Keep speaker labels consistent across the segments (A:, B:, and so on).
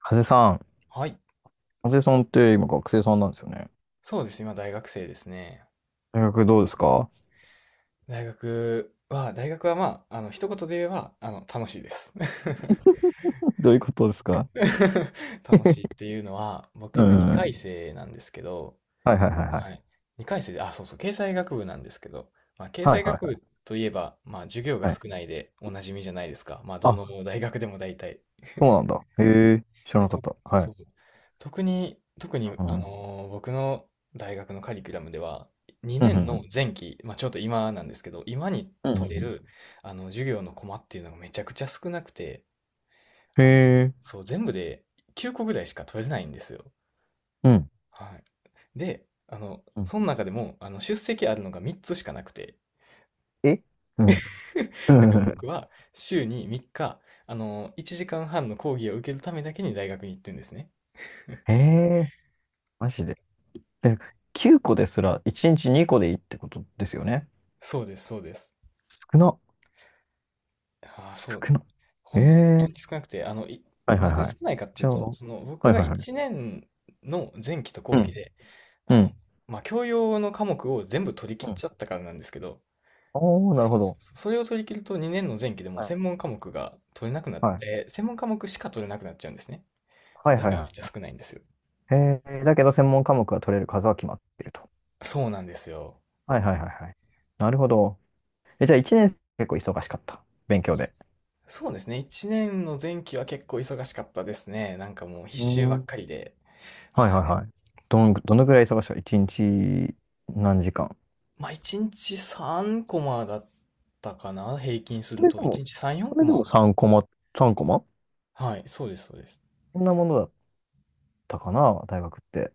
A: ハゼさん、
B: はい。
A: ハゼさんって今学生さんなんですよね。
B: そうです。今、大学生ですね。
A: 大学どうですか？
B: 大学はまあ、一言で言えば、楽しいです。
A: どういうことですか？
B: 楽しいって いうのは、僕
A: う
B: 今2回
A: ん。
B: 生なんですけど、
A: はいはいはいは
B: は
A: い。
B: い。2回生で、あ、そうそう、経済学部なんですけど、まあ、経
A: はい
B: 済
A: は
B: 学
A: いは
B: 部といえば、まあ、授業
A: い
B: が
A: はい。
B: 少ないでおなじみじゃないですか。まあ、どの
A: あ、
B: 大学でも大体。
A: そうなんだ。へえ、知ら
B: で、
A: なかった。はい。
B: そう。特に、
A: うん。
B: 僕の大学のカリキュラムでは、
A: う
B: 2年の
A: ん。
B: 前期、まあ、ちょっと今なんですけど、今に
A: うん。う
B: 取れ
A: ん
B: る、授業のコマっていうのがめちゃくちゃ少なくて、
A: へ
B: あの、
A: え。
B: そう、全部で9個ぐらいしか取れないんですよ。
A: うん。
B: はい。で、
A: うん
B: その中でも、出席あるのが3つしかなくて、
A: えうん。う
B: だから
A: ん
B: 僕 は週に3日、1時間半の講義を受けるためだけに大学に行ってるんですね。
A: へえ、マジで。で、9個ですら1日2個でいいってことですよね。
B: そうです、そうです。
A: 少な。
B: ああ、そ
A: 少
B: う、
A: な。へ
B: 本当
A: え。
B: に少なくて、
A: はいは
B: なん
A: い
B: で
A: はい。
B: 少ないかってい
A: じ
B: う
A: ゃあ、
B: と、
A: は
B: その、
A: い
B: 僕
A: はい
B: が
A: はい。
B: 1年の前期と
A: う
B: 後期
A: ん。
B: で、
A: う
B: あの、
A: ん。
B: まあ、教養の科目を全部取り切っ
A: うん。
B: ちゃったからなんですけど、
A: おー、なる
B: そ
A: ほ
B: うそ
A: ど。
B: うそう、それを取り切ると2年の前期でもう
A: は
B: 専門科目が取れなくなっ
A: い
B: て、専門科目しか取れなくなっちゃうんですね。そ
A: は
B: う、
A: い
B: だ
A: はい
B: からめっ
A: は
B: ちゃ少ないんですよ。
A: い。えー、だけど専門科目が取れる数は決まっていると。
B: そうなんですよ。
A: はいはいはいはい。なるほど。え、じゃあ1年生結構忙しかった。勉強で。
B: そうですね。1年の前期は結構忙しかったですね。なんかもう必
A: う
B: 修
A: ん。
B: ば
A: は
B: っかり
A: い
B: で。
A: はいはい。どの、どのぐらい忙しかった？ 1 日何時間？
B: まあ、1日3コマだったかな、平均す
A: そ
B: る
A: れで
B: と。1
A: も、
B: 日3、
A: そ
B: 4コ
A: れでも
B: マ。
A: 3コマ、3コマ
B: はい、そうです、そうです。
A: そんなものだったかな、大学って。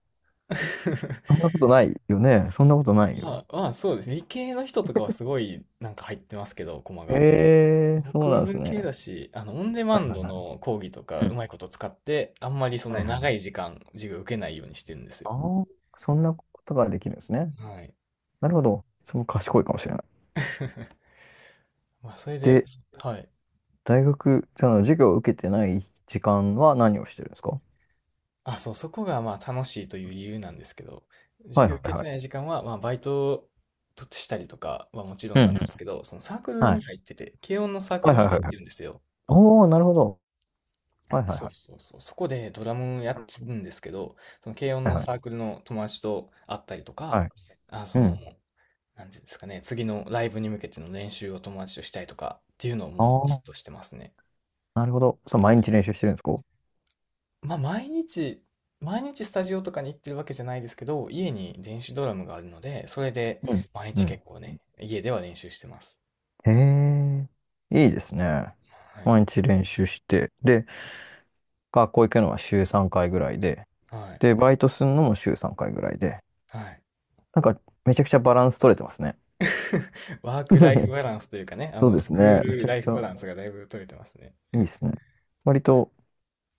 A: そん なことないよね。そんなことないよ。
B: まあ、まあ、そうですね。理系の人とかはすごいなんか入ってますけど、コマ
A: へ
B: が。
A: えー、そ
B: 僕
A: うな
B: は
A: んです
B: 文系
A: ね。
B: だし、オンデマ
A: はい
B: ン
A: はい
B: ド
A: はい。
B: の講義とか
A: う
B: う
A: ん
B: まいこと使って、あんまりそ
A: はい
B: の
A: はい
B: 長
A: はい。
B: い時間、授業受けないようにしてるんですよ。
A: ああ、そんなことができるんですね。
B: はい。
A: なるほど。その賢いかもしれない。
B: まあ、それで、
A: で、
B: はい。
A: 大学、その授業を受けてない時間は何をしてるんですか？
B: あ、そう、そこがまあ楽しいという理由なんですけど、授
A: はい
B: 業
A: は
B: 受
A: い
B: け
A: は
B: て
A: い。
B: ない時間は、まあバイトとしたりとかはもちろ
A: う
B: ん
A: んう
B: なんです
A: ん。
B: けど、そのサークル
A: は
B: に
A: い。
B: 入ってて、軽音のサーク
A: はい
B: ル
A: は
B: に
A: いは
B: 入っ
A: いはい。
B: てるんですよ。
A: おー、なるほど。はいはい
B: そう
A: はい。
B: そうそう。そこでドラムやってるんですけど、その軽音
A: はい
B: の
A: は
B: サークルの友達と会ったりと
A: い
B: か、
A: はい。
B: あ、そ
A: う
B: の、
A: ん。
B: なんていうんですかね、次のライブに向けての練習を友達としたりとかっていうのをもうず
A: あ
B: っとしてますね。
A: あ、なるほど。そう、毎日練習してるんですか？
B: まあ、毎日スタジオとかに行ってるわけじゃないですけど、家に電子ドラムがあるので、それで
A: うん。
B: 毎
A: う
B: 日
A: ん。
B: 結構ね、家では練習してます。
A: へえ、いいですね。
B: はい。
A: 毎日練習して、で、学校行くのは週3回ぐらいで、
B: はい。
A: で、バイトするのも週3回ぐらいで、
B: はい。
A: なんかめちゃくちゃバランス取れてますね。
B: ワークライフバランスというかね、
A: そうで
B: ス
A: す
B: クー
A: ね。め
B: ル
A: ちゃ
B: ラ
A: く
B: イ
A: ち
B: フ
A: ゃ
B: バランスがだいぶ取れてますね。
A: いいですね。割と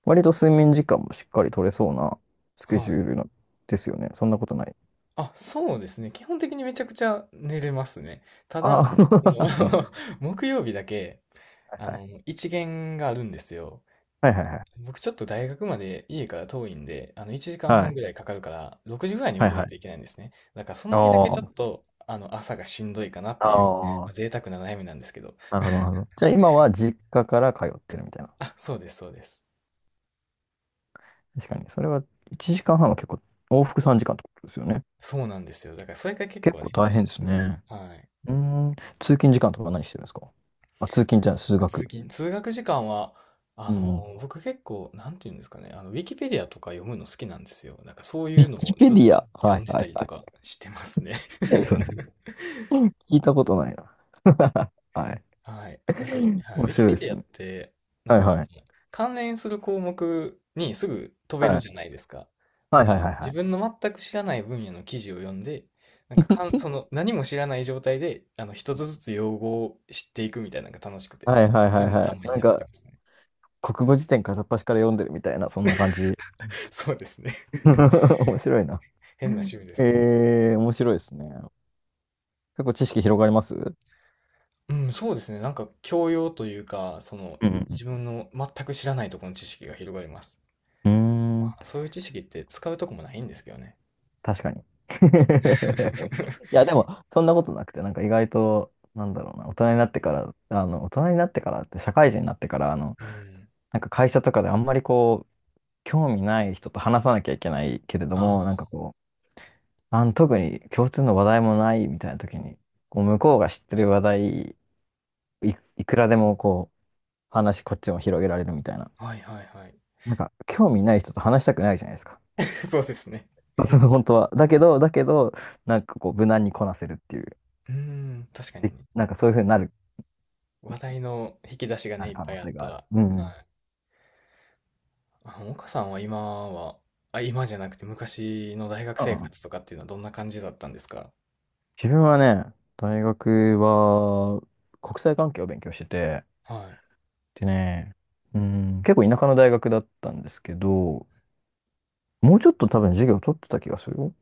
A: 割と睡眠時間もしっかり取れそうなスケ
B: は
A: ジュ
B: い。
A: ールのですよね。そんなことない？
B: あ、そうですね。基本的にめちゃくちゃ寝れますね。ただ、
A: あ
B: その
A: あ、うん。
B: 木曜日だけ、
A: はいはい。
B: 一限があるんですよ。
A: はいはいはい。
B: 僕ちょっと大学まで家から遠いんで、1時
A: は
B: 間半
A: い。
B: ぐらいかかるから、6時ぐらいに起
A: はい
B: きな
A: は
B: いといけ
A: い。
B: ないんですね。だからその日だけちょっ
A: あ
B: と、朝がしんどいかなっ
A: あ、
B: ていう、
A: あ
B: まあ、
A: あ、
B: 贅沢な悩みなんですけど。
A: なるほど、なるほど。じゃあ今は実家から通ってるみたいな。
B: あ、そうです、そうです。
A: 確かに。それは1時間半はんは結構、往復3時間ってことですよね。
B: そうなんですよ。だからそれが結
A: 結
B: 構
A: 構
B: ね、
A: 大変です
B: 辛い。
A: ね。
B: はい。
A: うーん。通勤時間とか何してるんですか？あ、通勤じゃない、数学。
B: 通学時間は、
A: うん。ウ
B: 僕結構、なんていうんですかね、ウィキペディアとか読むの好きなんですよ。なんかそうい
A: ィ
B: うの
A: キ
B: も
A: ペ
B: ずっ
A: ディ
B: と
A: ア。は
B: 読
A: い
B: んで
A: は
B: た
A: い
B: り
A: は
B: と
A: い。
B: かしてますね。
A: いや、読んで る聞いたことないな。はい。
B: はい。なんか、はい、ウ
A: 面
B: ィキ
A: 白い
B: ペ
A: で
B: ディ
A: す
B: アっ
A: ね。
B: て、な
A: は
B: ん
A: い
B: かそ
A: は
B: の、
A: い。
B: 関連する項目にすぐ飛
A: は
B: べる
A: い
B: じゃないですか。だ
A: はい
B: か
A: は
B: ら、
A: いはいは
B: 自
A: い。
B: 分の全く知らない分野の記事を読んで、なんか、その、何も知らない状態で、一つずつ用語を知っていくみたいなのが楽しくて、
A: はいはい
B: そ
A: は
B: う
A: い
B: いうの
A: は
B: た
A: い。
B: まに
A: なん
B: やって
A: か、
B: ますね。
A: 国語辞典片っ端から読んでるみたいな、そんな感じ。
B: そうですね。
A: 面白いな。
B: 変な趣味ですけど。
A: えー、面白いですね。結構知識広がりますうん
B: うん、そうですね。なんか、教養というか、その、自分の全く知らないところの知識が広がります。
A: うんうん。うーん、
B: そういう知識って使うとこもないんですけどね。
A: 確かに。
B: うん
A: いや、でも、そんなことなくて、なんか意外と、なんだろうな、大人になってから、大人になってからって、社会人になってから、
B: うん。
A: なんか会社とかであんまりこう、興味ない人と話さなきゃいけないけれども、なんか
B: あ
A: こう、特に共通の話題もないみたいな時に、こう向こうが知ってる話題、いくらでもこう、話こっちも広げられるみたいな。
B: あ、はいはいはい。
A: なんか、興味ない人と話したくないじゃないですか。
B: そうですね。
A: その本当は。だけど、なんかこう、無難にこなせるっていう。
B: うん、確かに
A: で、
B: ね。
A: なんかそういうふうになる、
B: 話題の引き出しが
A: な
B: ね、
A: る
B: いっ
A: 可
B: ぱ
A: 能
B: いあっ
A: 性
B: た
A: があ
B: ら。
A: る。
B: は
A: うんうん。
B: い。あ、岡さんは今は、あ、今じゃなくて昔の大学
A: う
B: 生
A: んうん。
B: 活とかっていうのはどんな感じだったんですか？
A: 自分はね、大学は国際関係を勉強してて、
B: は
A: でね、うん、結構田舎の大学だったんですけど、もうちょっと多分授業取ってた気がする。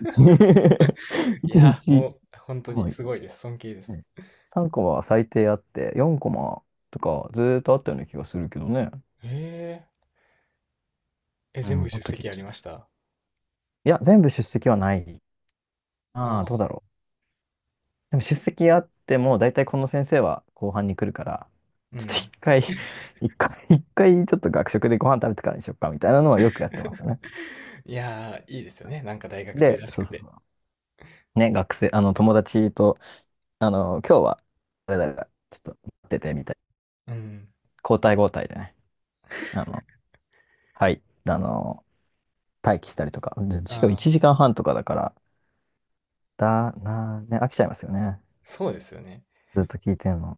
B: い。い
A: 一
B: や、
A: 日、
B: もう、本当
A: は
B: に
A: い。
B: すごいです。尊敬です。
A: ね3コマは最低あって、4コマとかずーっとあったような気がするけどね。
B: ええ、え、
A: う
B: 全部
A: ん、あっ
B: 出
A: た気
B: 席
A: が
B: あり
A: す
B: ま
A: る。
B: した？
A: いや、全部出席はない。
B: あ
A: ああ、どうだ
B: あ。
A: ろう。でも出席あっても、だいたいこの先生は後半に来るから、
B: う
A: ちょっと一
B: ん。
A: 回、一回ちょっと学食でご飯食べてからにしよっか、みたいなのはよくやってましたね。
B: いやー、いいですよね。なんか大学生
A: で、
B: らし
A: そ
B: く
A: うそう
B: て。
A: そう。ね、学生、友達と、今日は、誰々がちょっと、出てみたい。
B: うん。
A: 交代交代でね。あの、はい。あの、待機したりとか。でしかも
B: あ
A: 1
B: あ、
A: 時間半とかだから、だな、ね、飽きちゃいますよね。
B: そうですよね。
A: ずっと聞いてんの。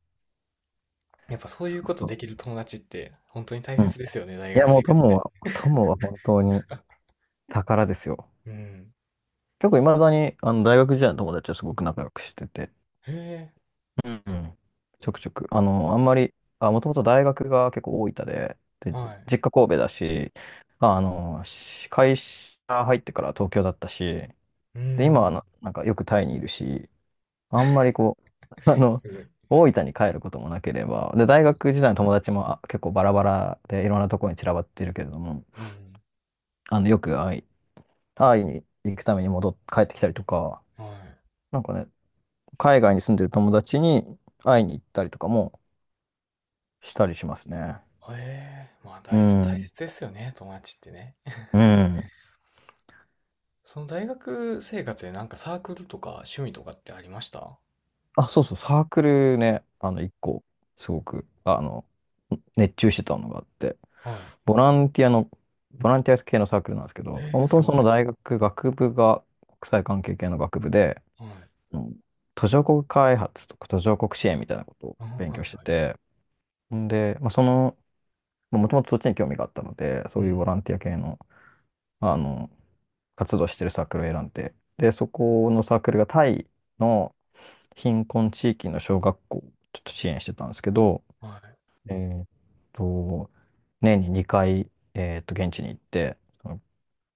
B: やっぱそうい
A: そ
B: う
A: う
B: こと
A: そ
B: できる友達って本当に大
A: う。うん。い
B: 切ですよね、大
A: や、
B: 学
A: も
B: 生
A: う
B: 活
A: 友
B: で。
A: は、友は本当に宝ですよ。
B: うん。
A: 結構いまだに、あの、大学時代の友達はすごく仲良くしてて。
B: へえ、
A: うん。うんちょくちょく。あの、あんまり、あ、もともと大学が結構大分で、で、
B: はい。
A: 実家神戸だし、会社入ってから東京だったし、
B: う
A: で、今は
B: ん、
A: な、なんかよくタイにいるし、あんまりこう、
B: すごい。
A: 大分に帰ることもなければ、で、大学時代の友達もあ結構バラバラでいろんなところに散らばってるけれども、
B: うん、
A: あの、よく会い、会いに行くために帰ってきたりとか、
B: は
A: なんかね、海外に住んでる友達に会いに行ったりとかもしたりしますね。
B: い。へえ、まあ
A: う
B: 大切、大
A: ん。
B: 切ですよね、友達ってね。
A: うん。
B: その大学生活でなんかサークルとか趣味とかってありました？
A: あ、そうそう、サークルね、あの、一個、すごく、あの、熱中してたのがあって、
B: はい。
A: ボランティアの、ボランティア系のサークルなんですけど、も
B: え
A: と
B: ー、
A: も
B: す
A: とそ
B: ご
A: の
B: い。
A: 大学、学部が国際関係系の学部で、
B: はい。
A: うん途上国開発とか途上国支援みたいなことを
B: あ、はい
A: 勉強して
B: はい。
A: て、んで、まあ、その、もともとそっちに興味があったので、そ
B: う
A: ういう
B: ん。
A: ボランティア系の、まあの、活動してるサークルを選んで、で、そこのサークルがタイの貧困地域の小学校をちょっと支援してたんですけど、
B: は
A: えーっと、年に2回、現地に行って、その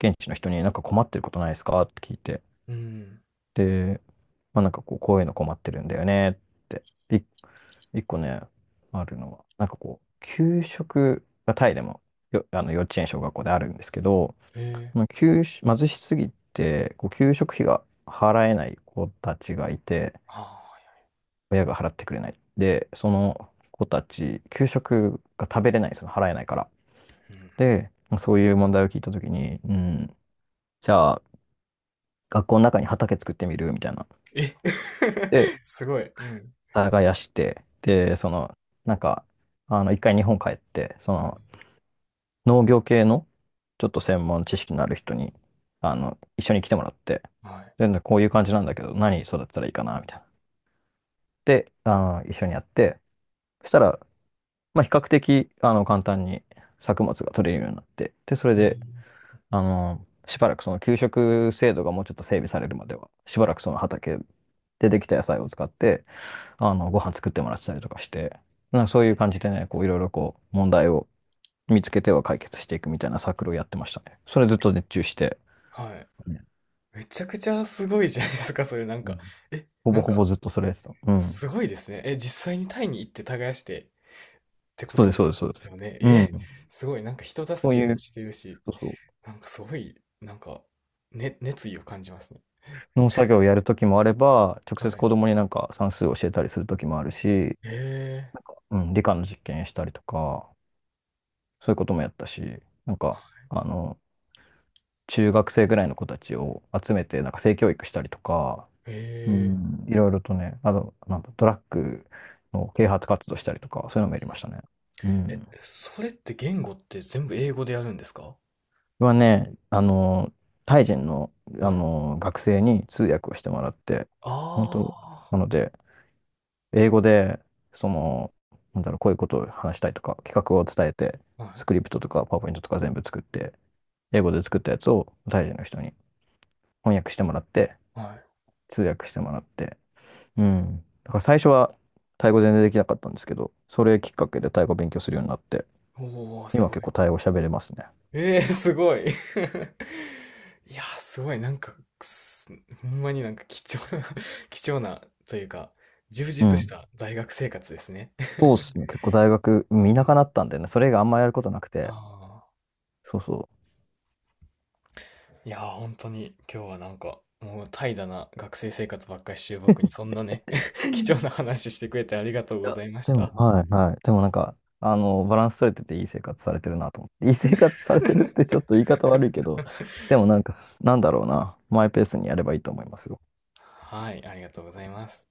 A: 現地の人になんか困ってることないですかって聞いて。
B: い。うん。
A: で、まあなんかこう、こういうの困ってるんだよねって。い一個ね、あるのは、なんかこう、給食がタイでもあの幼稚園、小学校であるんですけど、
B: えー、
A: その給食、貧しすぎて、こう、給食費が払えない子たちがいて、
B: あ
A: 親が払ってくれない。で、その子たち、給食が食べれないんですよ。払えないから。
B: ー、はい。うん。
A: で、そういう問題を聞いたときに、うん、じゃあ、学校の中に畑作ってみるみたいな
B: え
A: で、
B: すごい。うん。
A: 耕して、で、その、なんか、あの、一回日本帰って、その、農業系の、ちょっと専門知識のある人に、あの、一緒に来てもらって、
B: はい。
A: で、こういう感じなんだけど、何育てたらいいかな、みたいな。で、あの、一緒にやって、そしたら、まあ、比較的、あの、簡単に作物が取れるようになって、で、それ
B: えー、
A: で、あの、しばらくその給食制度がもうちょっと整備されるまでは、しばらくその畑でできた野菜を使って、あの、ご飯作ってもらってたりとかして、なんかそういう感じでね、こういろいろこう問題を見つけては解決していくみたいなサークルをやってましたね。それずっと熱中して、
B: はい。
A: ね
B: めちゃくちゃすごいじゃないですか、それなん
A: う
B: か。
A: ん
B: え、
A: ほ
B: な
A: ぼ
B: ん
A: ほ
B: か、
A: ぼずっとそれやってた。うん。
B: すごいですね。え、実際にタイに行って耕してってこ
A: そう
B: と
A: です、
B: で
A: そうです、そうで
B: す
A: す。
B: よね。
A: う
B: え、
A: ん。
B: すごい、なんか人
A: そう
B: 助け
A: い
B: も
A: う、
B: してるし、
A: そうそ
B: なんかすごい、なんか、ね、熱意を感じますね。
A: う。農作業をやるときもあれば、直
B: は
A: 接
B: い。
A: 子供になんか算数を教えたりするときもあるし、なん
B: え
A: か、うん、理科の実験したりとか、そういうこともやったし、なんか、あの、中学生ぐらいの子たちを集めて、なんか性教育したりとか、
B: ー、
A: う
B: え
A: ん、いろいろとね、あと、なんだ、ドラッグの啓発活動したりとか、そういうのもやりましたね。う
B: ー、え、
A: ん。
B: それって言語って全部英語でやるんですか？
A: はね、あの、タイ人の、
B: は
A: あ
B: い。
A: の、学生に通訳をしてもらって、
B: あ
A: 本当、なので、英語で、その、なんだろう、こういうことを話したいとか、企画を伝えて、
B: あ、は
A: ス
B: い、
A: クリプトとか、パワーポイントとか全部作って、英語で作ったやつをタイ人の人に翻訳してもらって、
B: はい。
A: 通訳してもらって、うん。だから最初はタイ語全然できなかったんですけど、それきっかけでタイ語勉強するようになって、
B: おー、す
A: 今
B: ごい。
A: 結構タイ語喋れますね。
B: ええーすごい。いやー、すごい、なんか、すほんまになんか貴重な 貴重なというか、充
A: う
B: 実し
A: ん。
B: た大学生活ですね。
A: そうっすね。結構大学、うん田舎だったんでね、それ以外あんまやることなくて、
B: あ
A: そうそ
B: あ、いやー、本当に今日はなんか、もう怠惰な学生生活ばっかりしてる僕にそんなね 貴重な話してくれてありがとう
A: う。
B: ご
A: いや
B: ざいまし
A: でも、
B: た。
A: はいはい。でもなんか、あの、バランス取れてていい生活されてるなと思って。いい生活されてるってちょっと言い方悪いけど、でもなんか、なんだろうな。マイペースにやればいいと思いますよ。
B: はい、ありがとうございます。